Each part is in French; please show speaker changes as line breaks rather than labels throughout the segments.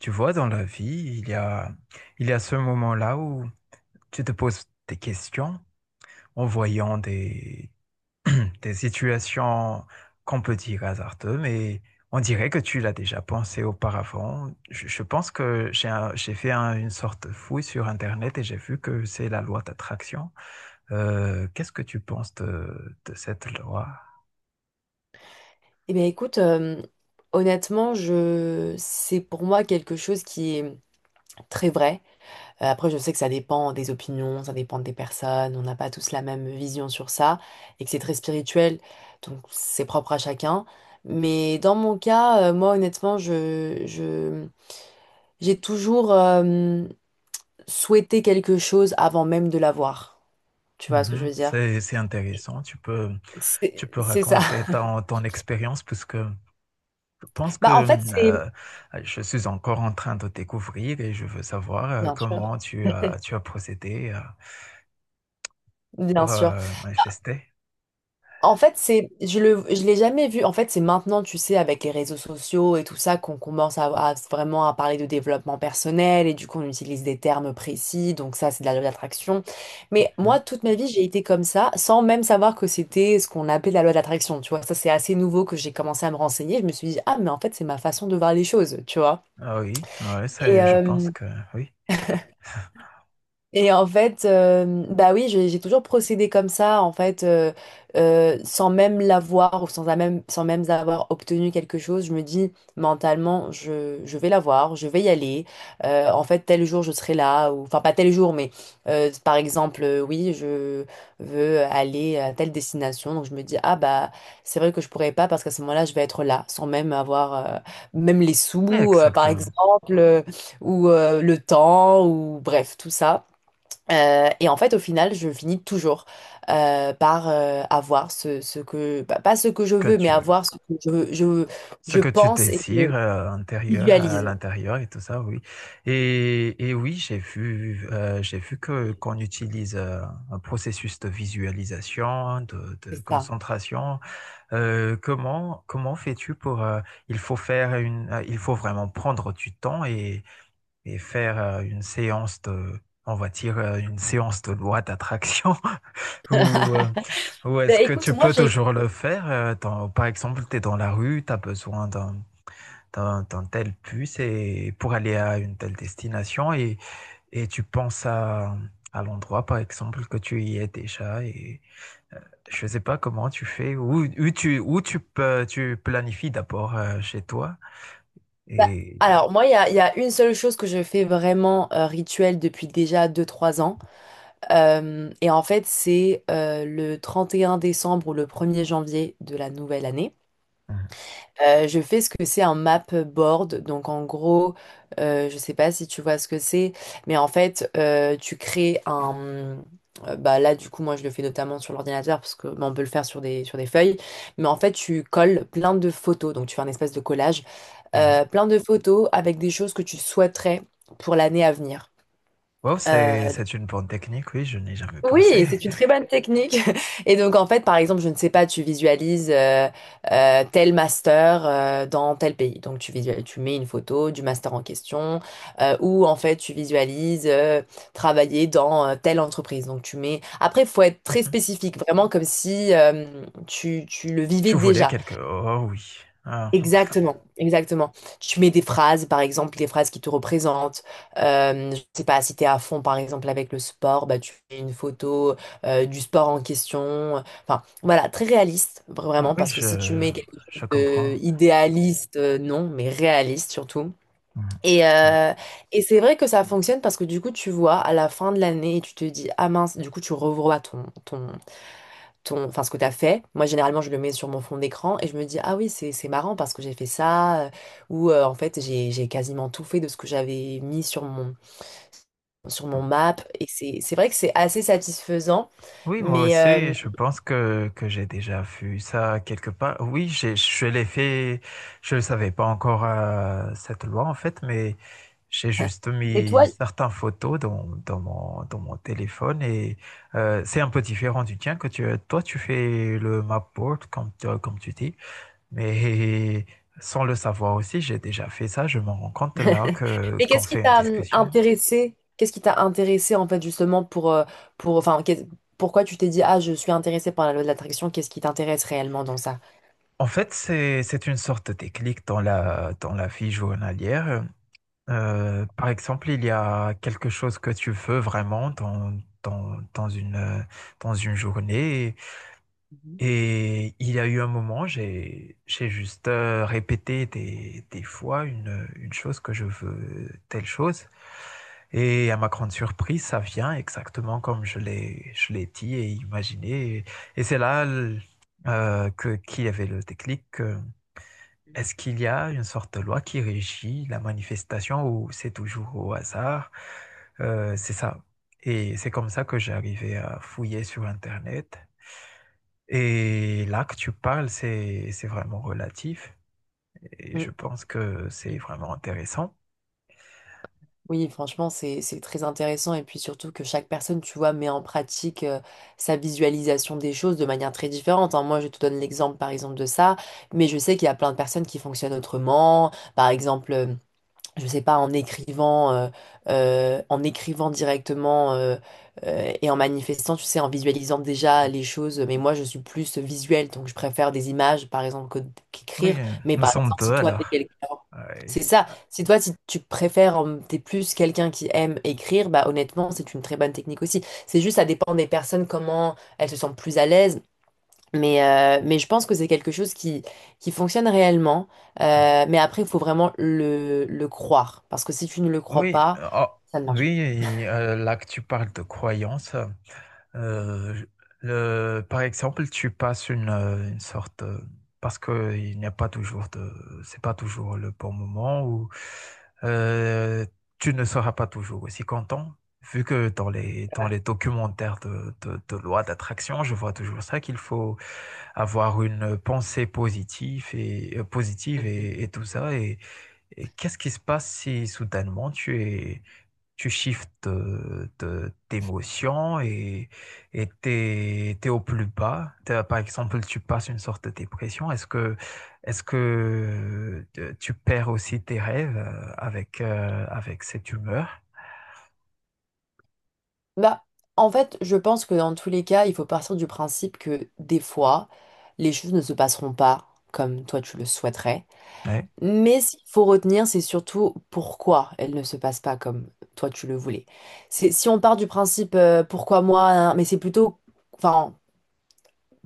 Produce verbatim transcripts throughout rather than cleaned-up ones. Tu vois, dans la vie, il y a, il y a ce moment-là où tu te poses des questions en voyant des, des situations qu'on peut dire hasardeuses, mais on dirait que tu l'as déjà pensé auparavant. Je, je pense que j'ai un- j'ai fait un- une sorte de fouille sur Internet et j'ai vu que c'est la loi d'attraction. Euh, qu'est-ce que tu penses de, de cette loi?
Eh bien, écoute, euh, honnêtement, je... c'est pour moi quelque chose qui est très vrai. Euh, après, je sais que ça dépend des opinions, ça dépend des personnes, on n'a pas tous la même vision sur ça, et que c'est très spirituel, donc c'est propre à chacun. Mais dans mon cas, euh, moi, honnêtement, je... je... j'ai toujours euh, souhaité quelque chose avant même de l'avoir. Tu vois ce que je
Mhm.
veux dire?
C'est, c'est intéressant. Tu peux,
C'est
tu peux
c'est ça.
raconter ton, ton expérience, puisque je pense que
Bah, en fait, c'est...
euh, je suis encore en train de découvrir et je veux savoir euh,
Bien sûr.
comment tu as, tu as procédé euh,
Bien
Pour
sûr.
euh, manifester.
En fait, c'est, je le, je l'ai jamais vu. En fait, c'est maintenant, tu sais, avec les réseaux sociaux et tout ça, qu'on commence à, à vraiment à parler de développement personnel et du coup, on utilise des termes précis. Donc ça, c'est de la loi d'attraction. Mais
Hmm.
moi, toute ma vie, j'ai été comme ça, sans même savoir que c'était ce qu'on appelait la loi d'attraction. Tu vois, ça, c'est assez nouveau que j'ai commencé à me renseigner. Je me suis dit, ah, mais en fait, c'est ma façon de voir les choses. Tu vois.
Ah oui, ouais, ça,
Et,
je pense
euh,
que oui,
Et en fait, euh, bah oui, j'ai j'ai toujours procédé comme ça, en fait, euh, euh, sans même l'avoir ou sans, la même, sans même avoir obtenu quelque chose. Je me dis mentalement, je, je vais l'avoir, je vais y aller. Euh, en fait, tel jour, je serai là. Ou, enfin, pas tel jour, mais euh, par exemple, euh, oui, je veux aller à telle destination. Donc, je me dis, ah bah, c'est vrai que je pourrais pas parce qu'à ce moment-là, je vais être là, sans même avoir, euh, même les sous, euh, par
exactement.
exemple, euh, ou euh, le temps, ou bref, tout ça. Euh, et en fait, au final, je finis toujours euh, par euh, avoir ce, ce que, bah, pas ce que je
Que
veux, mais
tu,
avoir ce que je, je,
ce
je
que tu
pense et que je
désires euh, intérieur, à
visualise.
l'intérieur et tout ça, oui. Et, et oui, j'ai vu, euh, j'ai vu que qu'on utilise euh, un processus de visualisation, de, de
C'est ça.
concentration. Euh, comment comment fais-tu pour euh, il faut faire une, euh, il faut vraiment prendre du temps et, et faire euh, une séance de, on va dire euh, une séance de loi d'attraction ou euh, ou est-ce
Ben,
que
écoute,
tu
moi
peux
j'ai.
toujours le faire? Euh, dans- par exemple, tu es dans la rue, tu as besoin d'un dans, dans telle puce et pour aller à une telle destination et, et tu penses à, à l'endroit, par exemple, que tu y es déjà et euh, je ne sais pas comment tu fais, où, où tu, où tu, peux- tu planifies d'abord euh, chez toi
Bah,
et...
alors, moi, il y a, il y a une seule chose que je fais vraiment euh, rituel depuis déjà deux trois ans. Euh, et en fait, c'est euh, le trente et un décembre ou le premier janvier de la nouvelle année.
Mhm,
Euh, je fais ce que c'est un map board. Donc en gros, euh, je sais pas si tu vois ce que c'est, mais en fait, euh, tu crées un... euh, Bah là, du coup, moi, je le fais notamment sur l'ordinateur parce que bah, on peut le faire sur des, sur des feuilles. Mais en fait, tu colles plein de photos. Donc tu fais un espèce de collage.
mhm.
Euh, plein de photos avec des choses que tu souhaiterais pour l'année à venir.
Wow, c'est,
Euh,
c'est une bonne technique, oui, je n'ai jamais pensé.
oui, c'est une très bonne technique. Et donc, en fait, par exemple, je ne sais pas, tu visualises euh, euh, tel master euh, dans tel pays. Donc, tu visualises, tu mets une photo du master en question, euh, ou en fait, tu visualises euh, travailler dans euh, telle entreprise. Donc, tu mets. Après, il faut être très
Mhm.
spécifique, vraiment comme si euh, tu, tu le vivais
Tu voulais
déjà.
quelque... Oh oui. Ah,
Exactement, exactement. Tu mets des phrases, par exemple, des phrases qui te représentent. Euh, je sais pas, si t'es à fond, par exemple, avec le sport, bah, tu fais une photo euh, du sport en question. Enfin, voilà, très réaliste, vra-
ah
vraiment,
oui,
parce que si tu
je,
mets quelque chose
je comprends.
de idéaliste, euh, non, mais réaliste surtout.
Mhm,
Et,
mhm.
euh, et c'est vrai que ça fonctionne parce que du coup, tu vois, à la fin de l'année, et tu te dis, ah mince, du coup, tu revois ton, ton, ton, enfin, ce que tu as fait. Moi, généralement, je le mets sur mon fond d'écran et je me dis, ah oui, c'est c'est marrant parce que j'ai fait ça, euh, ou euh, en fait, j'ai j'ai quasiment tout fait de ce que j'avais mis sur mon, sur mon map. Et c'est c'est vrai que c'est assez satisfaisant.
Oui, moi
Mais,
aussi,
euh,
je pense que, que j'ai déjà vu ça quelque part. Oui, j'ai, je l'ai fait, je ne savais pas encore euh, cette loi en fait, mais j'ai juste
mais toi,
mis certaines photos dans, dans mon, dans mon téléphone et euh, c'est un peu différent du tien que tu, toi tu fais le mapboard comme, tu- comme tu dis, mais sans le savoir aussi, j'ai déjà fait ça, je me rends compte là que,
mais
qu'on
qu'est-ce qui
fait une
t'a hum,
discussion.
intéressé? Qu'est-ce qui t'a intéressé en fait justement pour, euh, pour enfin, qu'est- pourquoi tu t'es dit, ah, je suis intéressée par la loi de l'attraction, qu'est-ce qui t'intéresse réellement dans ça?
En fait, c'est, c'est une sorte de déclic dans la, dans la vie journalière. Euh, par exemple, il y a quelque chose que tu veux vraiment dans, dans, dans une, euh, dans une journée.
Mhm.
Et il y a eu un moment, j'ai, j'ai juste euh, répété des, des fois une, une chose que je veux, telle chose. Et à ma grande surprise, ça vient exactement comme je l'ai, je l'ai dit et imaginé. Et, et c'est là l- euh, que, qu'il y avait le déclic. Euh, est-ce qu'il y a une sorte de loi qui régit la manifestation ou c'est toujours au hasard? Euh, c'est ça. Et c'est comme ça que j'ai arrivé à fouiller sur Internet. Et là que tu parles, c'est c'est vraiment relatif. Et je
Mm.
pense que c'est vraiment intéressant.
Oui, franchement, c'est c'est très intéressant et puis surtout que chaque personne, tu vois, met en pratique euh, sa visualisation des choses de manière très différente, hein. Moi, je te donne l'exemple, par exemple, de ça, mais je sais qu'il y a plein de personnes qui fonctionnent autrement. Par exemple, je sais pas, en écrivant, euh, euh, en écrivant directement euh, euh, et en manifestant, tu sais, en visualisant déjà les choses. Mais moi, je suis plus visuelle, donc je préfère des images, par exemple, que-
Oui,
qu'écrire.
euh,
Mais
nous
par
sommes
exemple,
deux
si toi, t'es
alors.
quelqu'un...
Ouais.
C'est ça. Si toi, si tu préfères, euh, t'es plus quelqu'un qui aime écrire, bah honnêtement, c'est une très bonne technique aussi. C'est juste, ça dépend des personnes, comment elles se sentent plus à l'aise. Mais, euh, mais je pense que c'est quelque chose qui, qui fonctionne réellement. Euh, mais après, il faut vraiment le, le croire. Parce que si tu ne le crois
Oui,
pas,
oh,
ça ne marche
oui, et, euh, là que tu parles de croyance, euh, je- le, par exemple, tu passes une, euh, une sorte, euh, parce que il n'y a pas toujours de, c'est pas toujours le bon moment où euh, tu ne seras pas toujours aussi content, vu que dans les
pas.
dans
Ouais.
les documentaires de de, de loi d'attraction, je vois toujours ça qu'il faut avoir une pensée positive et euh, positive
Mhm.
et, et tout ça. Et qu'est-ce qui se passe si soudainement tu es, tu shiftes de, de- d'émotion et, et t'es, t'es au plus bas? T'as- Par exemple, tu passes une sorte de dépression. Est-ce que, est-ce que euh, tu perds aussi tes rêves euh, avec, euh, avec cette humeur?
Bah, en fait, je pense que dans tous les cas, il faut partir du principe que des fois, les choses ne se passeront pas comme toi tu le souhaiterais.
Oui,
Mais ce qu'il faut retenir, c'est surtout pourquoi elles ne se passent pas comme toi tu le voulais. C'est, si on part du principe euh, pourquoi moi, hein, mais c'est plutôt... Enfin,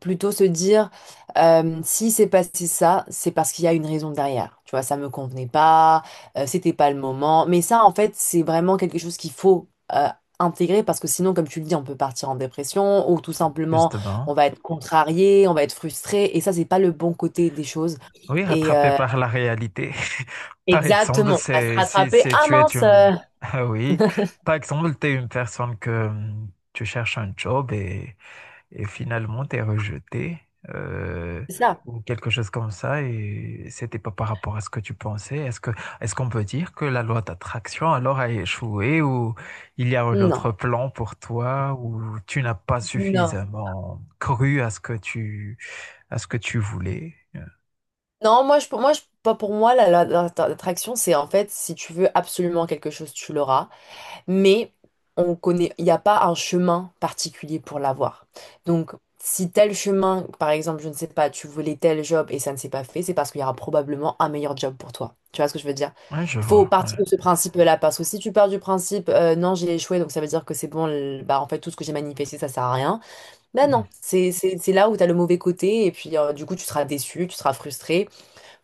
plutôt se dire euh, si c'est passé ça, c'est parce qu'il y a une raison derrière. Tu vois, ça me convenait pas, euh, c'était pas le moment. Mais ça, en fait, c'est vraiment quelque chose qu'il faut euh, intégrer parce que sinon, comme tu le dis, on peut partir en dépression ou tout simplement,
justement.
on va être contrarié, on va être frustré. Et ça, c'est pas le bon côté des choses.
Oui,
Et
rattrapé
euh,
par la réalité. Par exemple,
Exactement, on va se
c'est, si,
rattraper.
si
Ah
tu es
mince,
une,
euh,
ah oui. Par exemple, tu es une personne que hum, tu cherches un job et et finalement t'es rejeté euh,
c'est ça.
ou quelque chose comme ça et c'était pas par rapport à ce que tu pensais. Est-ce que est-ce qu'on peut dire que la loi d'attraction alors a échoué ou il y a un
Non,
autre plan pour toi ou tu n'as pas
non.
suffisamment cru à ce que tu à ce que tu voulais?
Non, moi, je, pour moi, je, pas pour moi, la- la- la- l'attraction, c'est en fait, si tu veux absolument quelque chose, tu l'auras. Mais on connaît, il n'y a pas un chemin particulier pour l'avoir. Donc, si tel chemin, par exemple, je ne sais pas, tu voulais tel job et ça ne s'est pas fait, c'est parce qu'il y aura probablement un meilleur job pour toi. Tu vois ce que je veux dire?
Ouais, je
Il faut
vois. Ouais.
partir de ce principe-là, parce que si tu pars du principe, euh, non, j'ai échoué, donc ça veut dire que c'est bon, le- bah, en fait, tout ce que j'ai manifesté, ça sert à rien. Ben
Mm.
non, c'est c'est- c'est là où tu as le mauvais côté, et puis euh, du coup, tu seras déçu, tu seras frustré.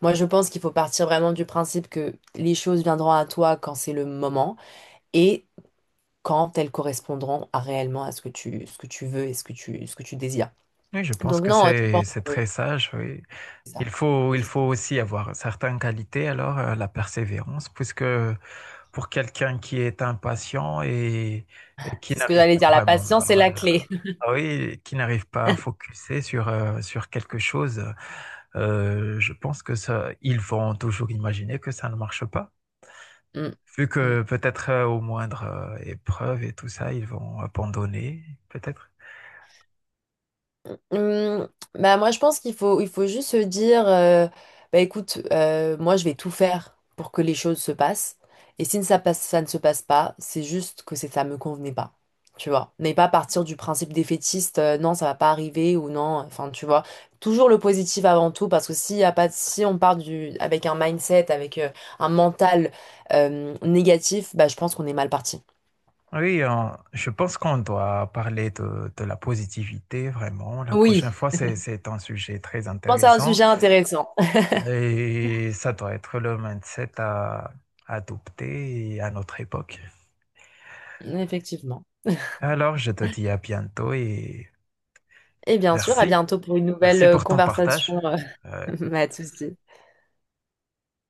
Moi, je pense qu'il faut partir vraiment du principe que les choses viendront à toi quand c'est le moment. Et quand elles correspondront à réellement à ce que tu, ce que tu veux et ce que tu, ce que tu désires.
Oui, je pense
Donc
que
non, je pense
c'est c'est
que
très sage. Oui.
c'est
Il
ça.
faut il
C'est
faut
ça.
aussi avoir certaines qualités alors euh, la persévérance puisque pour quelqu'un qui est impatient et, et qui
C'est ce que
n'arrive
j'allais
pas
dire, la
vraiment
patience est la
à,
clé.
ah oui, qui n'arrive pas à focuser sur, euh, sur quelque chose, euh, je pense que ça, ils vont toujours imaginer que ça ne marche pas.
Mm,
Vu
mm.
que peut-être euh, au moindre euh, épreuve et tout ça, ils vont abandonner, peut-être.
Hum, Bah moi je pense qu'il faut il faut juste se dire euh, bah écoute, euh, moi je vais tout faire pour que les choses se passent et si ça passe ça ne se passe pas c'est juste que c'est ça me convenait pas, tu vois, mais pas partir du principe défaitiste, euh, non ça va pas arriver ou non enfin tu vois toujours le positif avant tout parce que s'il y a pas de- si on part du avec un mindset avec euh, un mental euh, négatif bah je pense qu'on est mal parti.
Oui, on- je pense qu'on doit parler de, de la positivité, vraiment. La
Oui.
prochaine fois,
Je
c'est, c'est un sujet très
pense que c'est un
intéressant.
sujet intéressant.
Et ça doit être le mindset à adopter à notre époque.
Effectivement.
Alors, je te dis à bientôt et
Et bien sûr, à
merci.
bientôt pour une nouvelle
Merci
euh,
pour ton
conversation.
partage.
Euh,
Euh,
Pas de souci.